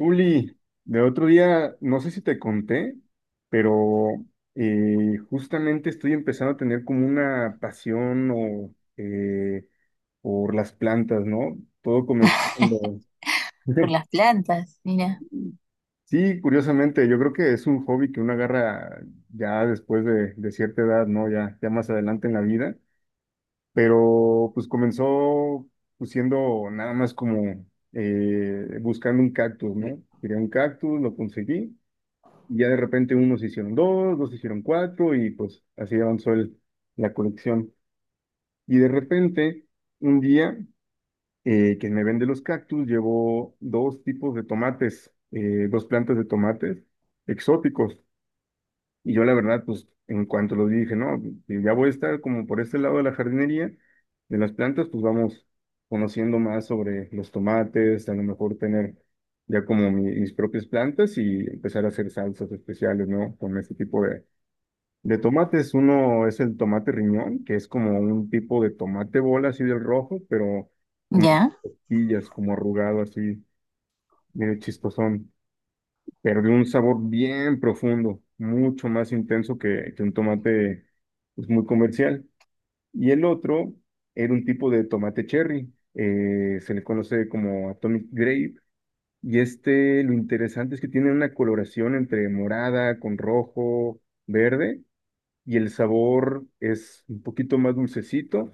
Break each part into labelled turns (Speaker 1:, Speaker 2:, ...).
Speaker 1: Uli, de otro día, no sé si te conté, pero justamente estoy empezando a tener como una pasión o por las plantas, ¿no? Todo comenzó cuando-
Speaker 2: Por las plantas, mira.
Speaker 1: Sí, curiosamente, yo creo que es un hobby que uno agarra ya después de cierta edad, ¿no? Ya más adelante en la vida, pero pues comenzó pues, siendo nada más como buscando un cactus, ¿no? Quería un cactus, lo conseguí. Y ya de repente unos hicieron dos, dos hicieron cuatro y pues así avanzó la colección. Y de repente, un día, quien me vende los cactus llevó dos tipos de tomates, dos plantas de tomates exóticos. Y yo la verdad, pues en cuanto los vi, dije, no, si ya voy a estar como por este lado de la jardinería, de las plantas, pues vamos conociendo más sobre los tomates, a lo mejor tener ya como mis propias plantas y empezar a hacer salsas especiales, ¿no? Con este tipo de tomates, uno es el tomate riñón, que es como un tipo de tomate bola, así del rojo, pero como
Speaker 2: Ya,
Speaker 1: pillas, como arrugado, así, medio chistosón, pero de un sabor bien profundo, mucho más intenso que un tomate pues, muy comercial. Y el otro era un tipo de tomate cherry, se le conoce como Atomic Grape, y este, lo interesante es que tiene una coloración entre morada con rojo, verde y el sabor es un poquito más dulcecito,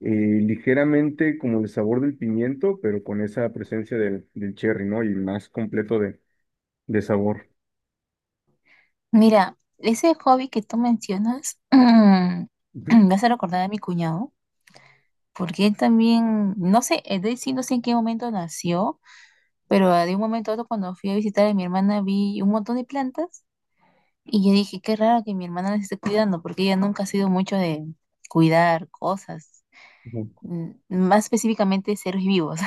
Speaker 1: eh, ligeramente como el sabor del pimiento, pero con esa presencia del cherry, ¿no? Y más completo de sabor.
Speaker 2: mira, ese hobby que tú mencionas
Speaker 1: Ujú,
Speaker 2: me hace recordar a mi cuñado, porque él también, no sé, es decir, no sé en qué momento nació, pero de un momento a otro cuando fui a visitar a mi hermana vi un montón de plantas y yo dije, qué raro que mi hermana las esté cuidando, porque ella nunca ha sido mucho de cuidar cosas,
Speaker 1: ujú,
Speaker 2: más específicamente seres vivos.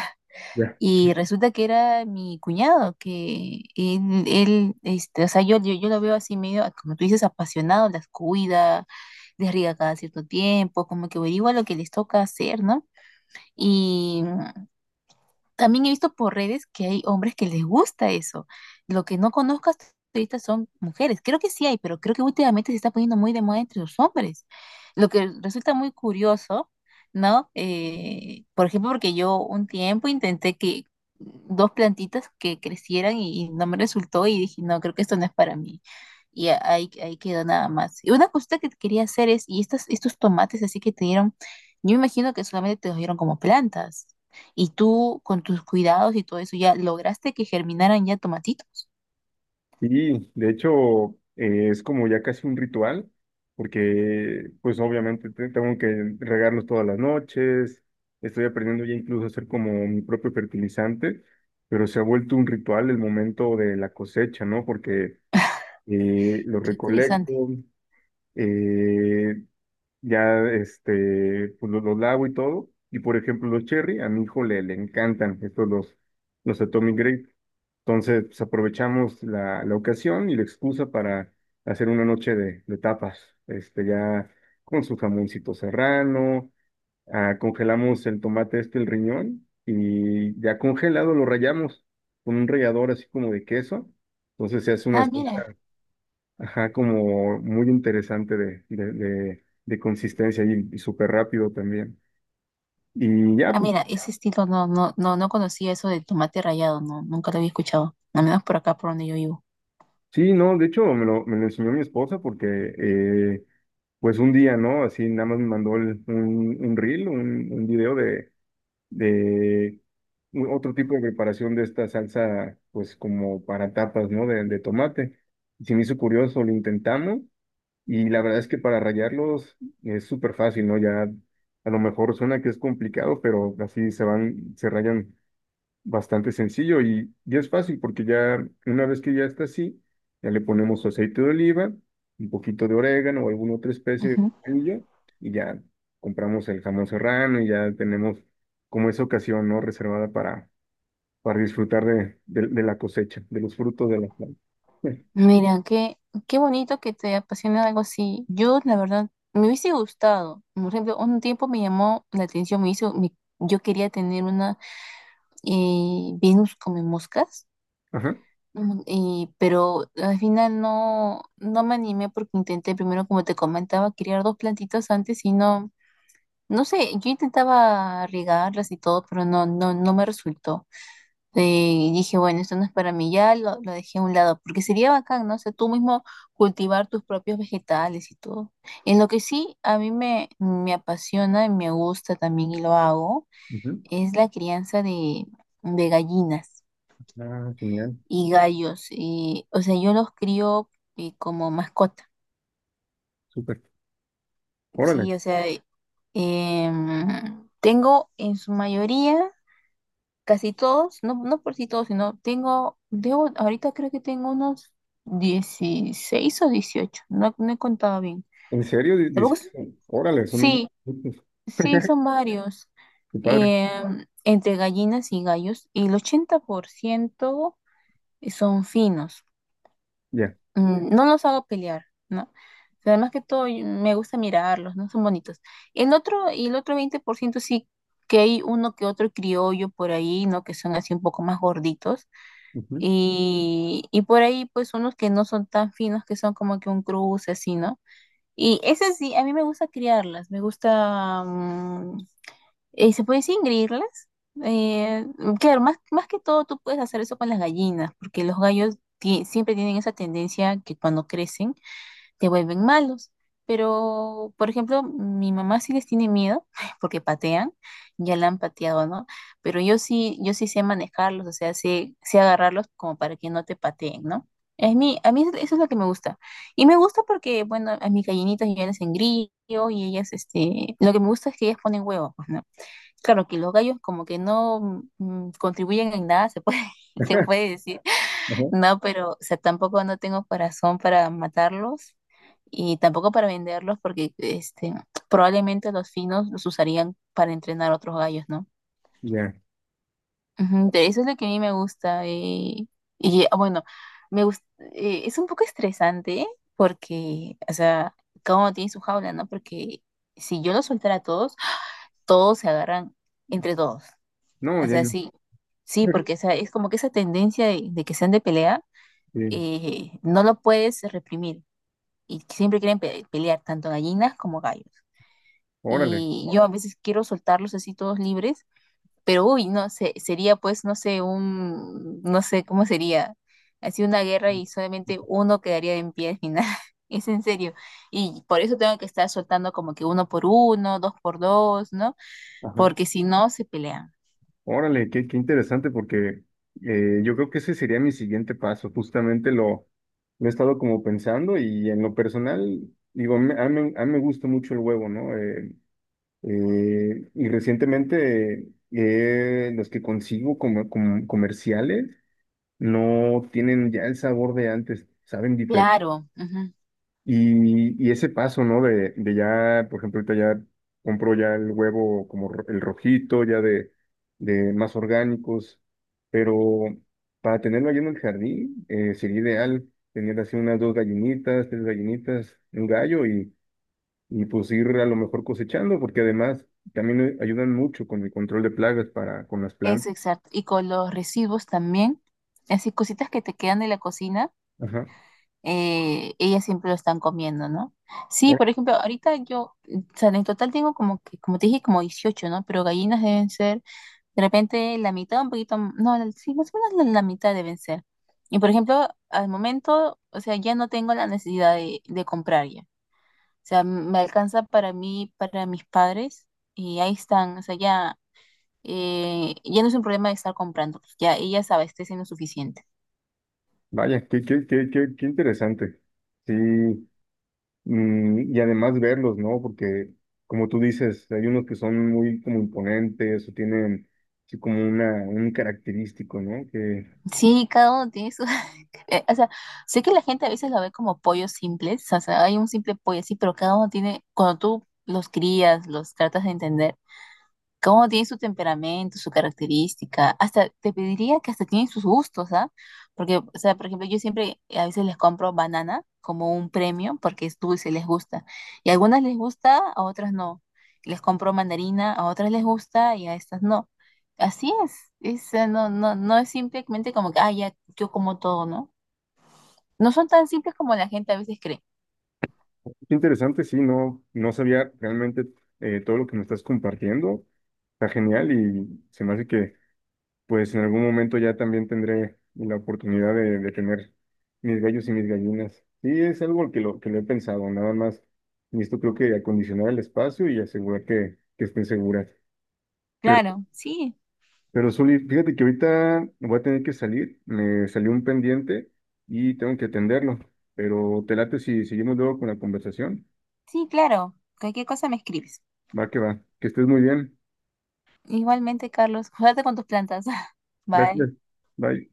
Speaker 1: ya.
Speaker 2: Y resulta que era mi cuñado, que este, o sea, yo lo veo así medio, como tú dices, apasionado, las cuida, les riega cada cierto tiempo, como que averigua lo que les toca hacer, ¿no? Y también he visto por redes que hay hombres que les gusta eso. Lo que no conozco hasta ahorita son mujeres. Creo que sí hay, pero creo que últimamente se está poniendo muy de moda entre los hombres. Lo que resulta muy curioso, ¿no? Por ejemplo, porque yo un tiempo intenté que dos plantitas que crecieran y no me resultó y dije, no, creo que esto no es para mí. Y ahí quedó nada más. Y una cosita que quería hacer es, y estos tomates así que te dieron, yo me imagino que solamente te los dieron como plantas. Y tú, con tus cuidados y todo eso, ya lograste que germinaran ya tomatitos.
Speaker 1: Y de hecho es como ya casi un ritual, porque pues obviamente tengo que regarlos todas las noches, estoy aprendiendo ya incluso a hacer como mi propio fertilizante, pero se ha vuelto un ritual el momento de la cosecha, ¿no? Porque lo
Speaker 2: Qué
Speaker 1: recolecto,
Speaker 2: interesante.
Speaker 1: eh, ya este, pues los lavo y todo. Y por ejemplo, los cherry, a mi hijo le encantan estos los Atomic Grape. Entonces, pues, aprovechamos la ocasión y la excusa para hacer una noche de tapas, este, ya con su jamoncito serrano, ah, congelamos el tomate este, el riñón, y ya congelado lo rallamos con un rallador así como de queso. Entonces se hace una
Speaker 2: Ah, mira.
Speaker 1: salsa. Ajá, como muy interesante de consistencia y súper rápido también. Y ya,
Speaker 2: Ah,
Speaker 1: pues,
Speaker 2: mira, ese estilo no, no, no, no conocía eso del tomate rallado, no, nunca lo había escuchado. Al menos por acá, por donde yo vivo.
Speaker 1: sí, no, de hecho me lo enseñó mi esposa porque, pues un día, ¿no? Así nada más me mandó un reel, un video de otro tipo de preparación de esta salsa, pues como para tapas, ¿no? De tomate. Y se me hizo curioso, lo intentamos. Y la verdad es que para rayarlos es súper fácil, ¿no? Ya a lo mejor suena que es complicado, pero así se van, se rayan bastante sencillo y es fácil porque ya una vez que ya está así, ya le ponemos su aceite de oliva, un poquito de orégano o alguna otra especie de
Speaker 2: Ujú.
Speaker 1: orgullo y ya compramos el jamón serrano y ya tenemos como esa ocasión, ¿no? Reservada para disfrutar de la cosecha, de los frutos de la planta.
Speaker 2: Mira, qué, qué bonito que te apasiona algo así. Yo, la verdad, me hubiese gustado. Por ejemplo, un tiempo me llamó la atención, me hizo, yo quería tener una Venus come moscas.
Speaker 1: Ajá.
Speaker 2: Y, pero al final no, no me animé porque intenté primero, como te comentaba, criar dos plantitas antes y no, no sé, yo intentaba regarlas y todo, pero no, no, no me resultó. Eh, y dije, bueno, esto no es para mí, ya lo dejé a un lado, porque sería bacán, ¿no? O sea, tú mismo cultivar tus propios vegetales y todo. En lo que sí a mí me apasiona y me gusta también y lo hago,
Speaker 1: Ujú.
Speaker 2: es la crianza de gallinas
Speaker 1: Ah, genial.
Speaker 2: y gallos. Y, o sea, yo los crío como mascota.
Speaker 1: Súper. Órale.
Speaker 2: Sí, o sea, tengo en su mayoría, casi todos, no, no por si todos, sino tengo, debo, ahorita creo que tengo unos 16 o 18, no, no he contado bien.
Speaker 1: ¿En serio?
Speaker 2: Tampoco
Speaker 1: Dice, Órale, son un-
Speaker 2: sí, sí, son varios.
Speaker 1: qué padre.
Speaker 2: Entre gallinas y gallos, y el 80% son finos.
Speaker 1: Ya.
Speaker 2: No los hago pelear, ¿no? O más que todo me gusta mirarlos, ¿no? Son bonitos. Y el otro 20% sí que hay uno que otro criollo por ahí, ¿no? Que son así un poco más gorditos.
Speaker 1: Ujú.
Speaker 2: Y por ahí, pues, unos que no son tan finos, que son como que un cruce así, ¿no? Y ese sí, a mí me gusta criarlas, me gusta, ¿se puede decir ingreírlas? Eh, claro, más, más que todo tú puedes hacer eso con las gallinas, porque los gallos siempre tienen esa tendencia que cuando crecen te vuelven malos. Pero, por ejemplo, mi mamá sí les tiene miedo porque patean, ya la han pateado, ¿no? Pero yo sí, yo sí sé manejarlos, o sea, sé agarrarlos como para que no te pateen, ¿no? Es mi, a mí eso es lo que me gusta. Y me gusta porque, bueno, a mis gallinitas yo ya les engrillo y ellas, este, lo que me gusta es que ellas ponen huevos, pues, ¿no? Claro que los gallos como que no contribuyen en nada, se puede, se puede decir,
Speaker 1: Ajá.
Speaker 2: no, pero, o sea, tampoco no tengo corazón para matarlos y tampoco para venderlos porque este, probablemente los finos los usarían para entrenar otros gallos, ¿no?
Speaker 1: Ya.
Speaker 2: Ujú, de eso es lo que a mí me gusta. Y bueno, me gust- es un poco estresante porque, o sea, cada uno tiene su jaula, ¿no? Porque si yo los soltara a todos, todos se agarran entre todos.
Speaker 1: No,
Speaker 2: O
Speaker 1: ya.
Speaker 2: sea,
Speaker 1: No.
Speaker 2: sí, sí, porque esa, es como que esa tendencia de que sean de pelea.
Speaker 1: Sí,
Speaker 2: No lo puedes reprimir y siempre quieren pelear tanto gallinas como gallos.
Speaker 1: Órale.
Speaker 2: Y yo a veces quiero soltarlos así todos libres, pero uy, no sé, sería pues, no sé, un, no sé cómo sería, así una guerra y solamente uno quedaría en pie al final. Es en serio. Y por eso tengo que estar soltando como que uno por uno, dos por dos, ¿no?
Speaker 1: Ajá.
Speaker 2: Porque si no, se pelean.
Speaker 1: Órale, qué, qué interesante porque yo creo que ese sería mi siguiente paso. Justamente lo he estado como pensando y en lo personal, digo, a mí me gusta mucho el huevo, ¿no? Y recientemente los que consigo como, como comerciales no tienen ya el sabor de antes, saben diferente.
Speaker 2: Claro, ujú,
Speaker 1: Y ese paso, ¿no? De ya, por ejemplo, ahorita ya compro ya el huevo como el rojito, ya de más orgánicos, pero para tenerlo allí en el jardín sería ideal tener así unas dos gallinitas, tres gallinitas, un gallo y pues ir a lo mejor cosechando, porque además también ayudan mucho con el control de plagas para con las plantas.
Speaker 2: eso exacto. Y con los residuos también, así cositas que te quedan de la cocina,
Speaker 1: Ajá.
Speaker 2: ellas siempre lo están comiendo, ¿no? Sí,
Speaker 1: Oh,
Speaker 2: por ejemplo, ahorita yo, o sea, en total tengo como que, como te dije, como 18, ¿no? Pero gallinas deben ser, de repente, la mitad, un poquito, no, sí, más o menos la mitad deben ser. Y por ejemplo, al momento, o sea, ya no tengo la necesidad de comprar ya. O sea, me alcanza para mí, para mis padres, y ahí están, o sea, ya, ya no es un problema de estar comprando, pues ya ellas saben abastecen lo suficiente.
Speaker 1: vaya, qué interesante. Sí, mm, y además verlos, ¿no? Porque, como tú dices, hay unos que son muy como imponentes o tienen así como una, un característico, ¿no? Que
Speaker 2: Sí, cada uno tiene su... O sea, sé que la gente a veces lo ve como pollos simples, o sea, hay un simple pollo así, pero cada uno tiene, cuando tú los crías, los tratas de entender, cómo tiene su temperamento, su característica, hasta te pediría que hasta tienen sus gustos, ¿ah? Porque, o sea, por ejemplo, yo siempre a veces les compro banana como un premio porque es dulce, les gusta. Y a algunas les gusta, a otras no. Les compro mandarina, a otras les gusta y a estas no. Así es, no, no, no es simplemente como que, ah, ya, yo como todo, ¿no? No son tan simples como la gente a veces cree.
Speaker 1: qué interesante, sí, no, no sabía realmente todo lo que me estás compartiendo. Está genial y se me hace que, pues, en algún momento ya también tendré la oportunidad de tener mis gallos y mis gallinas. Sí, es algo que que lo he pensado, nada más. Y esto creo que acondicionar el espacio y asegurar que estén seguras.
Speaker 2: Claro, sí,
Speaker 1: Pero Zuli, fíjate que ahorita voy a tener que salir, me salió un pendiente y tengo que atenderlo, pero te late si seguimos luego con la conversación.
Speaker 2: sí, claro. Cualquier cosa me escribes.
Speaker 1: Va, que estés muy bien.
Speaker 2: Igualmente, Carlos, cuídate con tus plantas. Bye.
Speaker 1: Gracias. Bye.